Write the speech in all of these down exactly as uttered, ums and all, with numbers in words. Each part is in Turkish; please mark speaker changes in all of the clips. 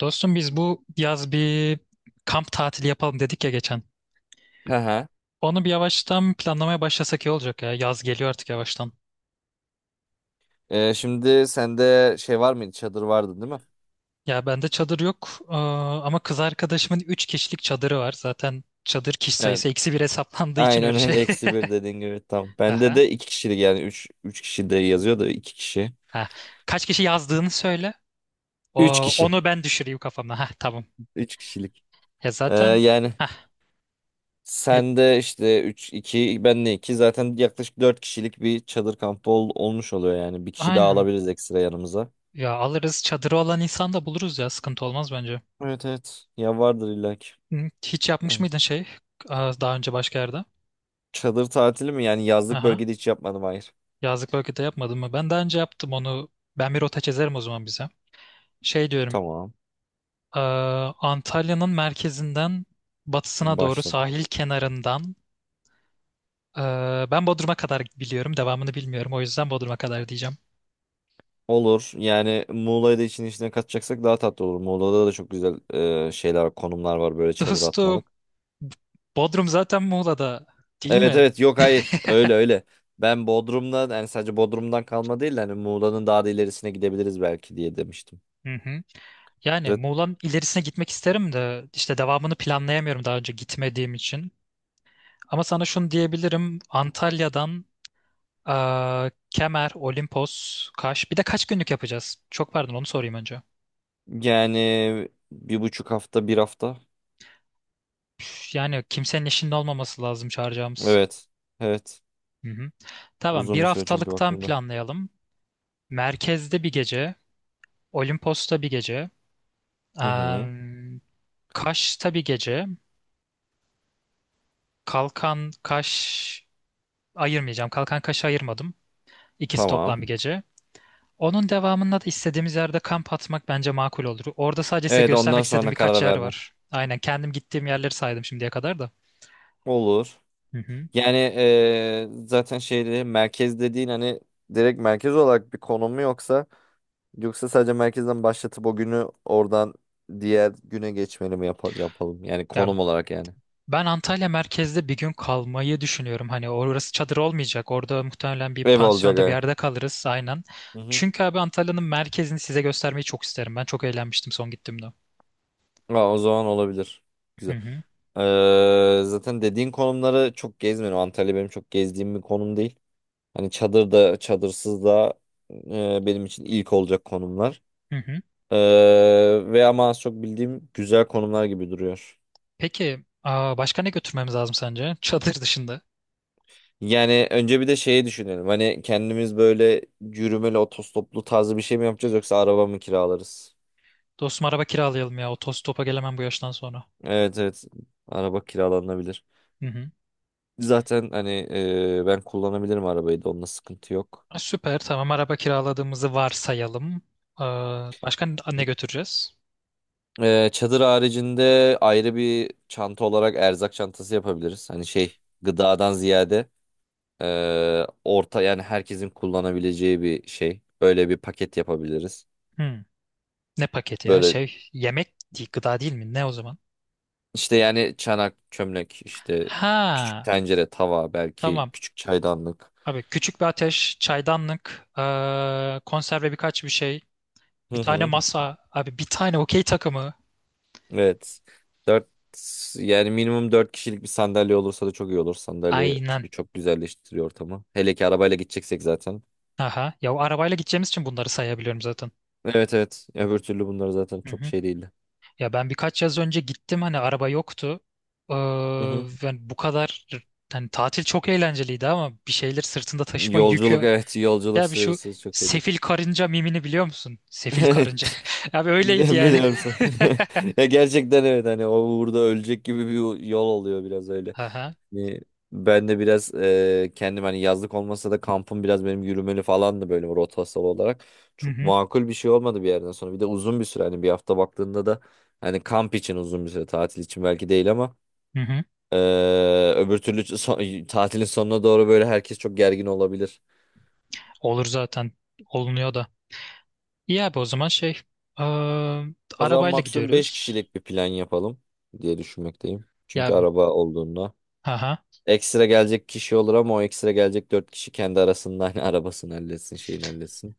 Speaker 1: Dostum biz bu yaz bir kamp tatili yapalım dedik ya geçen.
Speaker 2: Hı hı.
Speaker 1: Onu bir yavaştan planlamaya başlasak iyi olacak ya. Yaz geliyor artık yavaştan.
Speaker 2: Ee, şimdi sende şey var mıydı? Çadır vardı değil mi?
Speaker 1: Ya bende çadır yok eee, ama kız arkadaşımın üç kişilik çadırı var. Zaten çadır kişi
Speaker 2: Evet.
Speaker 1: sayısı eksi bir hesaplandığı için
Speaker 2: Aynen
Speaker 1: öyle
Speaker 2: öyle.
Speaker 1: şey.
Speaker 2: Eksi bir dediğin gibi tam. Bende
Speaker 1: Aha.
Speaker 2: de iki kişilik yani. Üç, üç kişi de yazıyor da iki kişi.
Speaker 1: Ha. Kaç kişi yazdığını söyle. O,
Speaker 2: Üç kişi.
Speaker 1: onu ben düşüreyim kafamda. Ha, tamam.
Speaker 2: Üç kişilik.
Speaker 1: Ya
Speaker 2: Ee,
Speaker 1: zaten
Speaker 2: yani
Speaker 1: ha
Speaker 2: sende işte üç, iki, ben de iki. Zaten yaklaşık dört kişilik bir çadır kampı ol- olmuş oluyor yani. Bir kişi daha
Speaker 1: aynen.
Speaker 2: alabiliriz ekstra yanımıza.
Speaker 1: Ya alırız, çadırı olan insan da buluruz, ya sıkıntı olmaz bence.
Speaker 2: Evet, evet. Ya vardır illa ki.
Speaker 1: Hı, hiç
Speaker 2: Eh.
Speaker 1: yapmış mıydın şey eee, daha önce başka yerde?
Speaker 2: Çadır tatili mi? Yani yazlık
Speaker 1: Aha.
Speaker 2: bölgede hiç yapmadım, hayır.
Speaker 1: Yazlık bölgede yapmadım mı? Ben daha önce yaptım onu. Ben bir rota çizerim o zaman bize. Şey diyorum.
Speaker 2: Tamam.
Speaker 1: eee, Antalya'nın merkezinden batısına doğru
Speaker 2: Başladım.
Speaker 1: sahil kenarından, eee, ben Bodrum'a kadar biliyorum. Devamını bilmiyorum. O yüzden Bodrum'a kadar diyeceğim.
Speaker 2: Olur. Yani Muğla'yı da işin içine katacaksak daha tatlı olur. Muğla'da da çok güzel e, şeyler var, konumlar var böyle çadır
Speaker 1: Dostum,
Speaker 2: atmalık.
Speaker 1: Bodrum zaten Muğla'da değil
Speaker 2: Evet,
Speaker 1: mi?
Speaker 2: evet, yok, hayır, öyle öyle. Ben Bodrum'dan yani sadece Bodrum'dan kalma değil de hani Muğla'nın daha da ilerisine gidebiliriz belki diye demiştim.
Speaker 1: Hı hı. Yani
Speaker 2: Zat-
Speaker 1: Muğla'nın ilerisine gitmek isterim de işte devamını planlayamıyorum daha önce gitmediğim için. Ama sana şunu diyebilirim. Antalya'dan Aa, Kemer, Olimpos, Kaş. Bir de kaç günlük yapacağız? Çok pardon, onu sorayım önce.
Speaker 2: Yani bir buçuk hafta bir hafta.
Speaker 1: Yani kimsenin işinde olmaması lazım çağıracağımız.
Speaker 2: Evet, evet,
Speaker 1: Hı hı. Tamam,
Speaker 2: uzun
Speaker 1: bir
Speaker 2: bir süre çünkü
Speaker 1: haftalıktan
Speaker 2: baktığında.
Speaker 1: planlayalım. Merkezde bir gece, Olimpos'ta bir gece,
Speaker 2: Hı hı,
Speaker 1: eee, Kaş'ta bir gece. Kalkan Kaş ayırmayacağım. Kalkan Kaş'ı ayırmadım. İkisi
Speaker 2: tamam.
Speaker 1: toplam bir gece. Onun devamında da istediğimiz yerde kamp atmak bence makul olur. Orada sadece size
Speaker 2: Evet, ondan
Speaker 1: göstermek istediğim
Speaker 2: sonra
Speaker 1: birkaç
Speaker 2: karar
Speaker 1: yer
Speaker 2: verme.
Speaker 1: var. Aynen kendim gittiğim yerleri saydım şimdiye kadar da.
Speaker 2: Olur.
Speaker 1: Hı hı.
Speaker 2: Yani eee, zaten şeyde merkez dediğin hani direkt merkez olarak bir konum mu yoksa yoksa sadece merkezden başlatıp o günü oradan diğer güne geçmeli mi yapa- yapalım? Yani
Speaker 1: Ya
Speaker 2: konum olarak yani.
Speaker 1: ben Antalya merkezde bir gün kalmayı düşünüyorum. Hani orası çadır olmayacak. Orada muhtemelen bir
Speaker 2: Ev olacak
Speaker 1: pansiyonda, bir
Speaker 2: ha.
Speaker 1: yerde kalırız aynen.
Speaker 2: Hı hı.
Speaker 1: Çünkü abi Antalya'nın merkezini size göstermeyi çok isterim. Ben çok eğlenmiştim son gittiğimde.
Speaker 2: Aa, o zaman olabilir.
Speaker 1: Hı
Speaker 2: Güzel.
Speaker 1: hı.
Speaker 2: Eee, zaten dediğin konumları çok gezmedim. Antalya benim çok gezdiğim bir konum değil. Hani çadır da çadırsız da eee, benim için ilk olacak konumlar.
Speaker 1: Hı hı.
Speaker 2: Eee ve ama az çok bildiğim güzel konumlar gibi duruyor.
Speaker 1: Peki aa, başka ne götürmemiz lazım sence? Çadır dışında.
Speaker 2: Yani önce bir de şeyi düşünelim. Hani kendimiz böyle yürümeli otostoplu tarzı bir şey mi yapacağız yoksa araba mı kiralarız?
Speaker 1: Dostum, araba kiralayalım ya. Otostopa gelemem bu yaştan sonra.
Speaker 2: Evet, evet. Araba kiralanabilir.
Speaker 1: Hı hı.
Speaker 2: Zaten hani e, ben kullanabilirim arabayı da onunla sıkıntı yok.
Speaker 1: Ha, süper. Tamam, araba kiraladığımızı varsayalım. Aa, başka ne ne götüreceğiz?
Speaker 2: E, çadır haricinde ayrı bir çanta olarak erzak çantası yapabiliriz. Hani şey gıdadan ziyade e, orta yani herkesin kullanabileceği bir şey. Böyle bir paket yapabiliriz.
Speaker 1: Hı. Ne paketi ya?
Speaker 2: Böyle
Speaker 1: Şey, yemek değil, gıda değil mi? Ne o zaman?
Speaker 2: İşte yani çanak, çömlek, işte küçük
Speaker 1: Ha,
Speaker 2: tencere, tava, belki
Speaker 1: tamam.
Speaker 2: küçük çaydanlık.
Speaker 1: Abi, küçük bir ateş, çaydanlık, eee, konserve birkaç bir şey, bir
Speaker 2: Hı
Speaker 1: tane
Speaker 2: hı.
Speaker 1: masa, abi bir tane okey takımı.
Speaker 2: Evet. Dört yani minimum dört kişilik bir sandalye olursa da çok iyi olur. Sandalye
Speaker 1: Aynen.
Speaker 2: çünkü çok güzelleştiriyor ortamı. Hele ki arabayla gideceksek zaten.
Speaker 1: Aha. Ya o arabayla gideceğimiz için bunları sayabiliyorum zaten.
Speaker 2: Evet, evet. Öbür türlü bunları zaten
Speaker 1: Hı
Speaker 2: çok
Speaker 1: hı.
Speaker 2: şey değildi.
Speaker 1: Ya ben birkaç yaz önce gittim, hani araba yoktu. Eee,
Speaker 2: Hı hı.
Speaker 1: yani bu kadar, hani tatil çok eğlenceliydi ama bir şeyleri sırtında taşıma
Speaker 2: Yolculuk,
Speaker 1: yükü.
Speaker 2: evet, yolculuk
Speaker 1: Ya bir şu
Speaker 2: sırası çok şey değil.
Speaker 1: sefil karınca mimini biliyor musun? Sefil karınca.
Speaker 2: Evet.
Speaker 1: Abi öyleydi yani.
Speaker 2: Biliyorum sen. Ya gerçekten evet hani o uğurda ölecek gibi bir yol oluyor biraz öyle.
Speaker 1: Aha.
Speaker 2: Yani ben de biraz e, kendim hani yazlık olmasa da kampım biraz benim yürümeli falandı böyle rotasyon olarak.
Speaker 1: Hı
Speaker 2: Çok
Speaker 1: hı.
Speaker 2: makul bir şey olmadı bir yerden sonra. Bir de uzun bir süre hani bir hafta baktığında da hani kamp için uzun bir süre tatil için belki değil ama
Speaker 1: Hı hı.
Speaker 2: e, öbür türlü son- tatilin sonuna doğru böyle herkes çok gergin olabilir.
Speaker 1: Olur zaten. Olunuyor da. İyi abi, o zaman şey, eee,
Speaker 2: O zaman
Speaker 1: arabayla
Speaker 2: maksimum beş
Speaker 1: gidiyoruz.
Speaker 2: kişilik bir plan yapalım diye düşünmekteyim.
Speaker 1: Ya
Speaker 2: Çünkü araba olduğunda
Speaker 1: haha.
Speaker 2: ekstra gelecek kişi olur ama o ekstra gelecek dört kişi kendi arasında hani arabasını halletsin şeyini halletsin.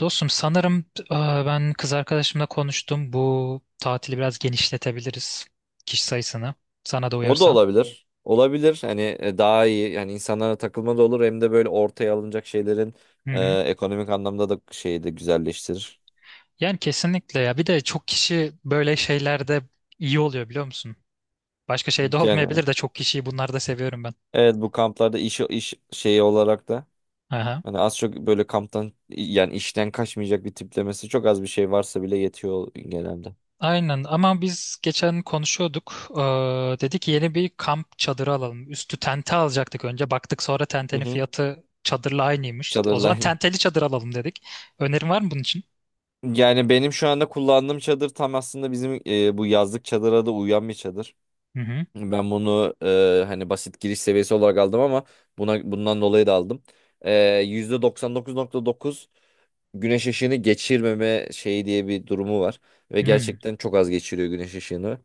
Speaker 1: Dostum, sanırım eee, ben kız arkadaşımla konuştum. Bu tatili biraz genişletebiliriz. Kişi sayısını. Sana da
Speaker 2: O da
Speaker 1: uyarsa.
Speaker 2: olabilir. Olabilir. Hani e, daha iyi. Yani insanlara takılma da olur. Hem de böyle ortaya alınacak şeylerin
Speaker 1: Hı hı.
Speaker 2: e, ekonomik anlamda da şeyi de güzelleştirir.
Speaker 1: Yani kesinlikle ya. Bir de çok kişi böyle şeylerde iyi oluyor, biliyor musun? Başka şey de
Speaker 2: Yani
Speaker 1: olmayabilir de, çok kişiyi bunlarda seviyorum ben.
Speaker 2: evet bu kamplarda iş iş şeyi olarak da
Speaker 1: Aha.
Speaker 2: hani az çok böyle kamptan yani işten kaçmayacak bir tiplemesi çok az bir şey varsa bile yetiyor genelde.
Speaker 1: Aynen, ama biz geçen konuşuyorduk. Ee, dedi ki yeni bir kamp çadırı alalım. Üstü tente alacaktık önce. Baktık sonra
Speaker 2: Hı
Speaker 1: tentenin
Speaker 2: hı.
Speaker 1: fiyatı çadırla aynıymış. O
Speaker 2: Çadırla
Speaker 1: zaman
Speaker 2: aynı.
Speaker 1: tenteli çadır alalım dedik. Önerin var mı bunun için?
Speaker 2: Yani benim şu anda kullandığım çadır tam aslında bizim e, bu yazlık çadıra da uyan bir çadır.
Speaker 1: Hı hı.
Speaker 2: Ben bunu e, hani basit giriş seviyesi olarak aldım ama buna bundan dolayı da aldım. E, yüzde doksan dokuz nokta dokuz güneş ışığını geçirmeme şeyi diye bir durumu var. Ve
Speaker 1: Hı.
Speaker 2: gerçekten çok az geçiriyor güneş ışığını.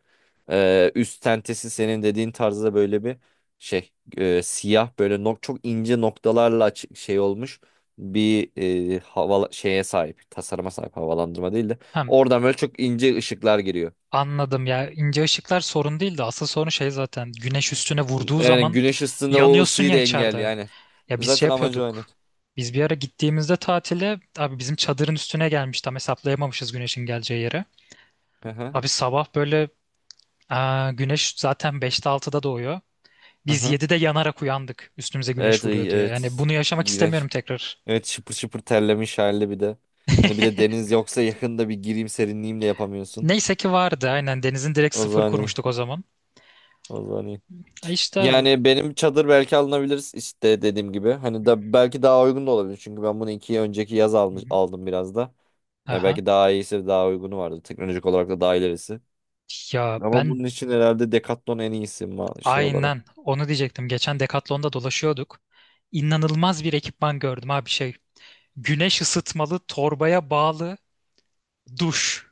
Speaker 2: E, üst tentesi senin dediğin tarzda böyle bir şey e, siyah böyle nok çok ince noktalarla açık şey olmuş bir e, hava şeye sahip tasarıma sahip havalandırma değil de
Speaker 1: Hem
Speaker 2: oradan böyle çok ince ışıklar giriyor.
Speaker 1: anladım ya, ince ışıklar sorun değil de asıl sorun şey, zaten güneş üstüne vurduğu
Speaker 2: Yani
Speaker 1: zaman
Speaker 2: güneş ısısında o
Speaker 1: yanıyorsun
Speaker 2: ısıyı da
Speaker 1: ya
Speaker 2: engelliyor
Speaker 1: içeride.
Speaker 2: aynen.
Speaker 1: Ya biz şey
Speaker 2: Zaten amacı o aynen.
Speaker 1: yapıyorduk. Biz bir ara gittiğimizde tatile, abi, bizim çadırın üstüne gelmiş, tam hesaplayamamışız güneşin geleceği yere.
Speaker 2: Aha,
Speaker 1: Abi sabah böyle. Aa, güneş zaten beşte altıda doğuyor. Biz
Speaker 2: aha.
Speaker 1: yedide yanarak uyandık. Üstümüze güneş
Speaker 2: Evet,
Speaker 1: vuruyor
Speaker 2: ay-
Speaker 1: diye. Yani
Speaker 2: evet.
Speaker 1: bunu yaşamak istemiyorum
Speaker 2: İğrenç.
Speaker 1: tekrar.
Speaker 2: Evet, şıpır şıpır terlemiş halde bir de. Hani bir de deniz yoksa yakında bir gireyim serinleyeyim de yapamıyorsun.
Speaker 1: Neyse ki vardı aynen. Denizin direkt
Speaker 2: O
Speaker 1: sıfır
Speaker 2: zaman iyi.
Speaker 1: kurmuştuk o zaman.
Speaker 2: O zaman iyi.
Speaker 1: Ay, işte abi.
Speaker 2: Yani benim çadır belki alınabilir işte dediğim gibi. Hani
Speaker 1: Hı
Speaker 2: da belki daha uygun da olabilir. Çünkü ben bunu iki önceki yaz
Speaker 1: hı.
Speaker 2: almış,
Speaker 1: hı.
Speaker 2: aldım biraz da. Ya
Speaker 1: Aha.
Speaker 2: belki daha iyisi daha uygunu vardı. Teknolojik olarak da daha ilerisi.
Speaker 1: Ya
Speaker 2: Ama
Speaker 1: ben
Speaker 2: bunun için herhalde Decathlon en iyisi ma- şey
Speaker 1: aynen
Speaker 2: olarak.
Speaker 1: onu diyecektim. Geçen Decathlon'da dolaşıyorduk. İnanılmaz bir ekipman gördüm abi, şey, güneş ısıtmalı torbaya bağlı duş.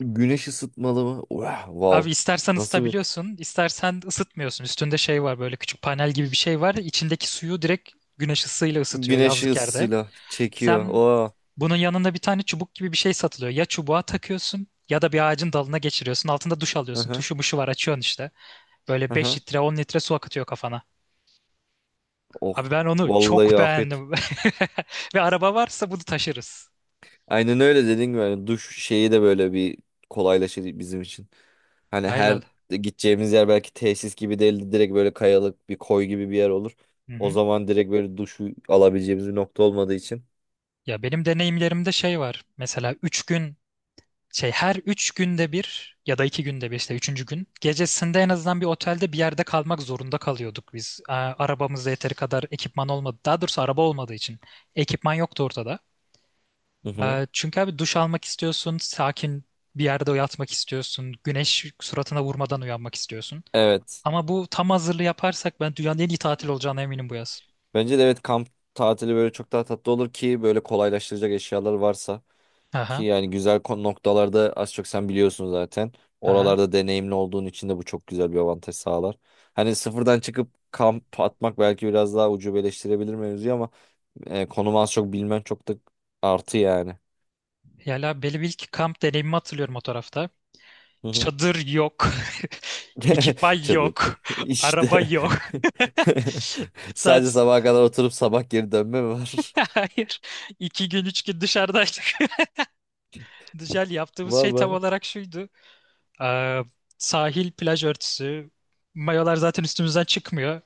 Speaker 2: Güneş ısıtmalı mı? Vah,
Speaker 1: Abi
Speaker 2: wow.
Speaker 1: istersen
Speaker 2: Nasıl bir
Speaker 1: ısıtabiliyorsun, istersen ısıtmıyorsun. Üstünde şey var, böyle küçük panel gibi bir şey var. İçindeki suyu direkt güneş ısısıyla ısıtıyor
Speaker 2: güneş
Speaker 1: yazlık yerde.
Speaker 2: ısısıyla çekiyor.
Speaker 1: Sen,
Speaker 2: Oh.
Speaker 1: bunun yanında bir tane çubuk gibi bir şey satılıyor. Ya çubuğa takıyorsun ya da bir ağacın dalına geçiriyorsun. Altında duş alıyorsun.
Speaker 2: Aha,
Speaker 1: Tuşu muşu var, açıyorsun işte. Böyle beş
Speaker 2: aha.
Speaker 1: litre on litre su akıtıyor kafana. Abi
Speaker 2: Oh.
Speaker 1: ben onu
Speaker 2: Vallahi
Speaker 1: çok
Speaker 2: afiyet.
Speaker 1: beğendim. Ve araba varsa bunu taşırız.
Speaker 2: Aynen öyle dediğin gibi yani duş şeyi de böyle bir kolaylaşır bizim için. Hani
Speaker 1: Aynen.
Speaker 2: her gideceğimiz yer belki tesis gibi değil direkt böyle kayalık bir koy gibi bir yer olur.
Speaker 1: Hı
Speaker 2: O
Speaker 1: hı.
Speaker 2: zaman direkt böyle duşu alabileceğimiz bir nokta olmadığı için.
Speaker 1: Ya benim deneyimlerimde şey var. Mesela üç gün şey, her üç günde bir ya da iki günde bir, işte üçüncü gün gecesinde en azından bir otelde, bir yerde kalmak zorunda kalıyorduk biz. Aa, Arabamızda yeteri kadar ekipman olmadı. Daha doğrusu, araba olmadığı için ekipman yoktu ortada.
Speaker 2: Hı hı.
Speaker 1: Aa, Çünkü abi duş almak istiyorsun, sakin bir yerde yatmak istiyorsun, güneş suratına vurmadan uyanmak istiyorsun.
Speaker 2: Evet.
Speaker 1: Ama bu tam hazırlığı yaparsak ben dünyanın en iyi tatil olacağına eminim bu yaz.
Speaker 2: Bence de evet kamp tatili böyle çok daha tatlı olur ki böyle kolaylaştıracak eşyalar varsa. Ki
Speaker 1: Aha,
Speaker 2: yani güzel kon- noktalarda az çok sen biliyorsun zaten.
Speaker 1: aha.
Speaker 2: Oralarda deneyimli olduğun için de bu çok güzel bir avantaj sağlar. Hani sıfırdan çıkıp kamp atmak belki biraz daha ucubeleştirebilir mevzuyu ama e, konumu az çok bilmen çok da artı yani.
Speaker 1: Yala Belivik kamp deneyimimi hatırlıyorum o tarafta.
Speaker 2: Hı hı.
Speaker 1: Çadır yok. Ekipman
Speaker 2: Çadır.
Speaker 1: yok. Araba
Speaker 2: İşte.
Speaker 1: yok.
Speaker 2: Sadece
Speaker 1: Saat...
Speaker 2: sabaha kadar oturup sabah geri dönme mi var?
Speaker 1: Hayır. İki gün, üç gün dışarıdaydık. Dışarı yaptığımız
Speaker 2: Vay,
Speaker 1: şey tam
Speaker 2: vay.
Speaker 1: olarak şuydu. Ee, sahil, plaj örtüsü. Mayolar zaten üstümüzden çıkmıyor.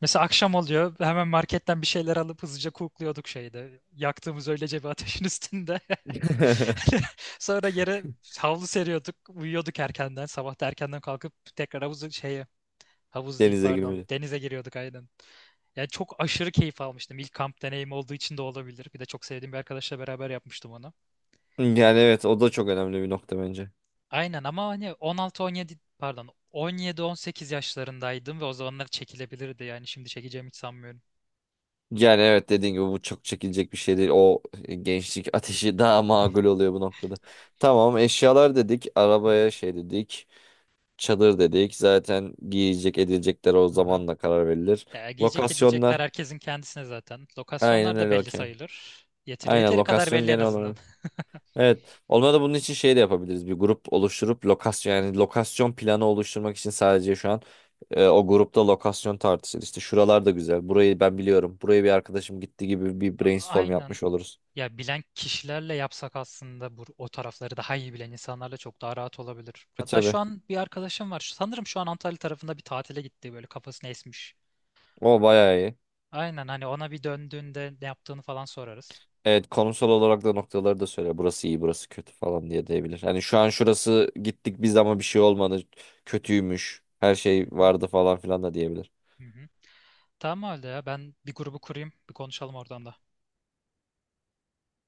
Speaker 1: Mesela akşam oluyor. Hemen marketten bir şeyler alıp hızlıca kukluyorduk şeyde, yaktığımız öylece bir ateşin üstünde. Sonra yere havlu seriyorduk. Uyuyorduk erkenden. Sabah da erkenden kalkıp tekrar havuzu, şeye, havuz değil
Speaker 2: Denize
Speaker 1: pardon,
Speaker 2: girmeli.
Speaker 1: denize giriyorduk aynen. Yani çok aşırı keyif almıştım. İlk kamp deneyim olduğu için de olabilir. Bir de çok sevdiğim bir arkadaşla beraber yapmıştım onu.
Speaker 2: Yani evet o da çok önemli bir nokta bence.
Speaker 1: Aynen ama hani on altı on yedi, pardon, on yedi on sekiz yaşlarındaydım ve o zamanlar çekilebilirdi. Yani şimdi çekeceğimi hiç sanmıyorum.
Speaker 2: Yani evet dediğin gibi bu çok çekilecek bir şey değil. O gençlik ateşi daha makul oluyor bu noktada. Tamam, eşyalar dedik,
Speaker 1: Hı hı.
Speaker 2: arabaya şey dedik, çadır dedik. Zaten giyecek edilecekler o
Speaker 1: Aha.
Speaker 2: zamanla karar verilir.
Speaker 1: Ya, giyecek edilecekler
Speaker 2: Lokasyonlar.
Speaker 1: herkesin kendisine zaten.
Speaker 2: Aynen
Speaker 1: Lokasyonlar da
Speaker 2: öyle,
Speaker 1: belli
Speaker 2: okey.
Speaker 1: sayılır. Yeteri,
Speaker 2: Aynen
Speaker 1: yeteri kadar
Speaker 2: lokasyon
Speaker 1: belli en
Speaker 2: genel
Speaker 1: azından.
Speaker 2: olarak. Evet. Olmadı bunun için şey de yapabiliriz. Bir grup oluşturup lokasyon yani lokasyon planı oluşturmak için sadece şu an e, o grupta lokasyon tartışır. İşte şuralar da güzel. Burayı ben biliyorum. Buraya bir arkadaşım gitti gibi bir
Speaker 1: A-
Speaker 2: brainstorm
Speaker 1: Aynen.
Speaker 2: yapmış oluruz.
Speaker 1: Ya bilen kişilerle yapsak aslında, bu o tarafları daha iyi bilen insanlarla çok daha rahat olabilir.
Speaker 2: E,
Speaker 1: Hatta şu
Speaker 2: tabii.
Speaker 1: an bir arkadaşım var. Şu- Sanırım şu an Antalya tarafında bir tatile gitti, böyle kafasını esmiş.
Speaker 2: O bayağı iyi.
Speaker 1: Aynen, hani ona bir döndüğünde ne yaptığını falan sorarız.
Speaker 2: Evet, konsol olarak da noktaları da söyle. Burası iyi, burası kötü falan diye diyebilir. Hani şu an şurası gittik biz ama bir şey olmadı. Kötüymüş. Her
Speaker 1: Hı
Speaker 2: şey
Speaker 1: hı,
Speaker 2: vardı falan filan da diyebilir.
Speaker 1: hı hı. Tamam, öyle ya, ben bir grubu kurayım, bir konuşalım oradan da.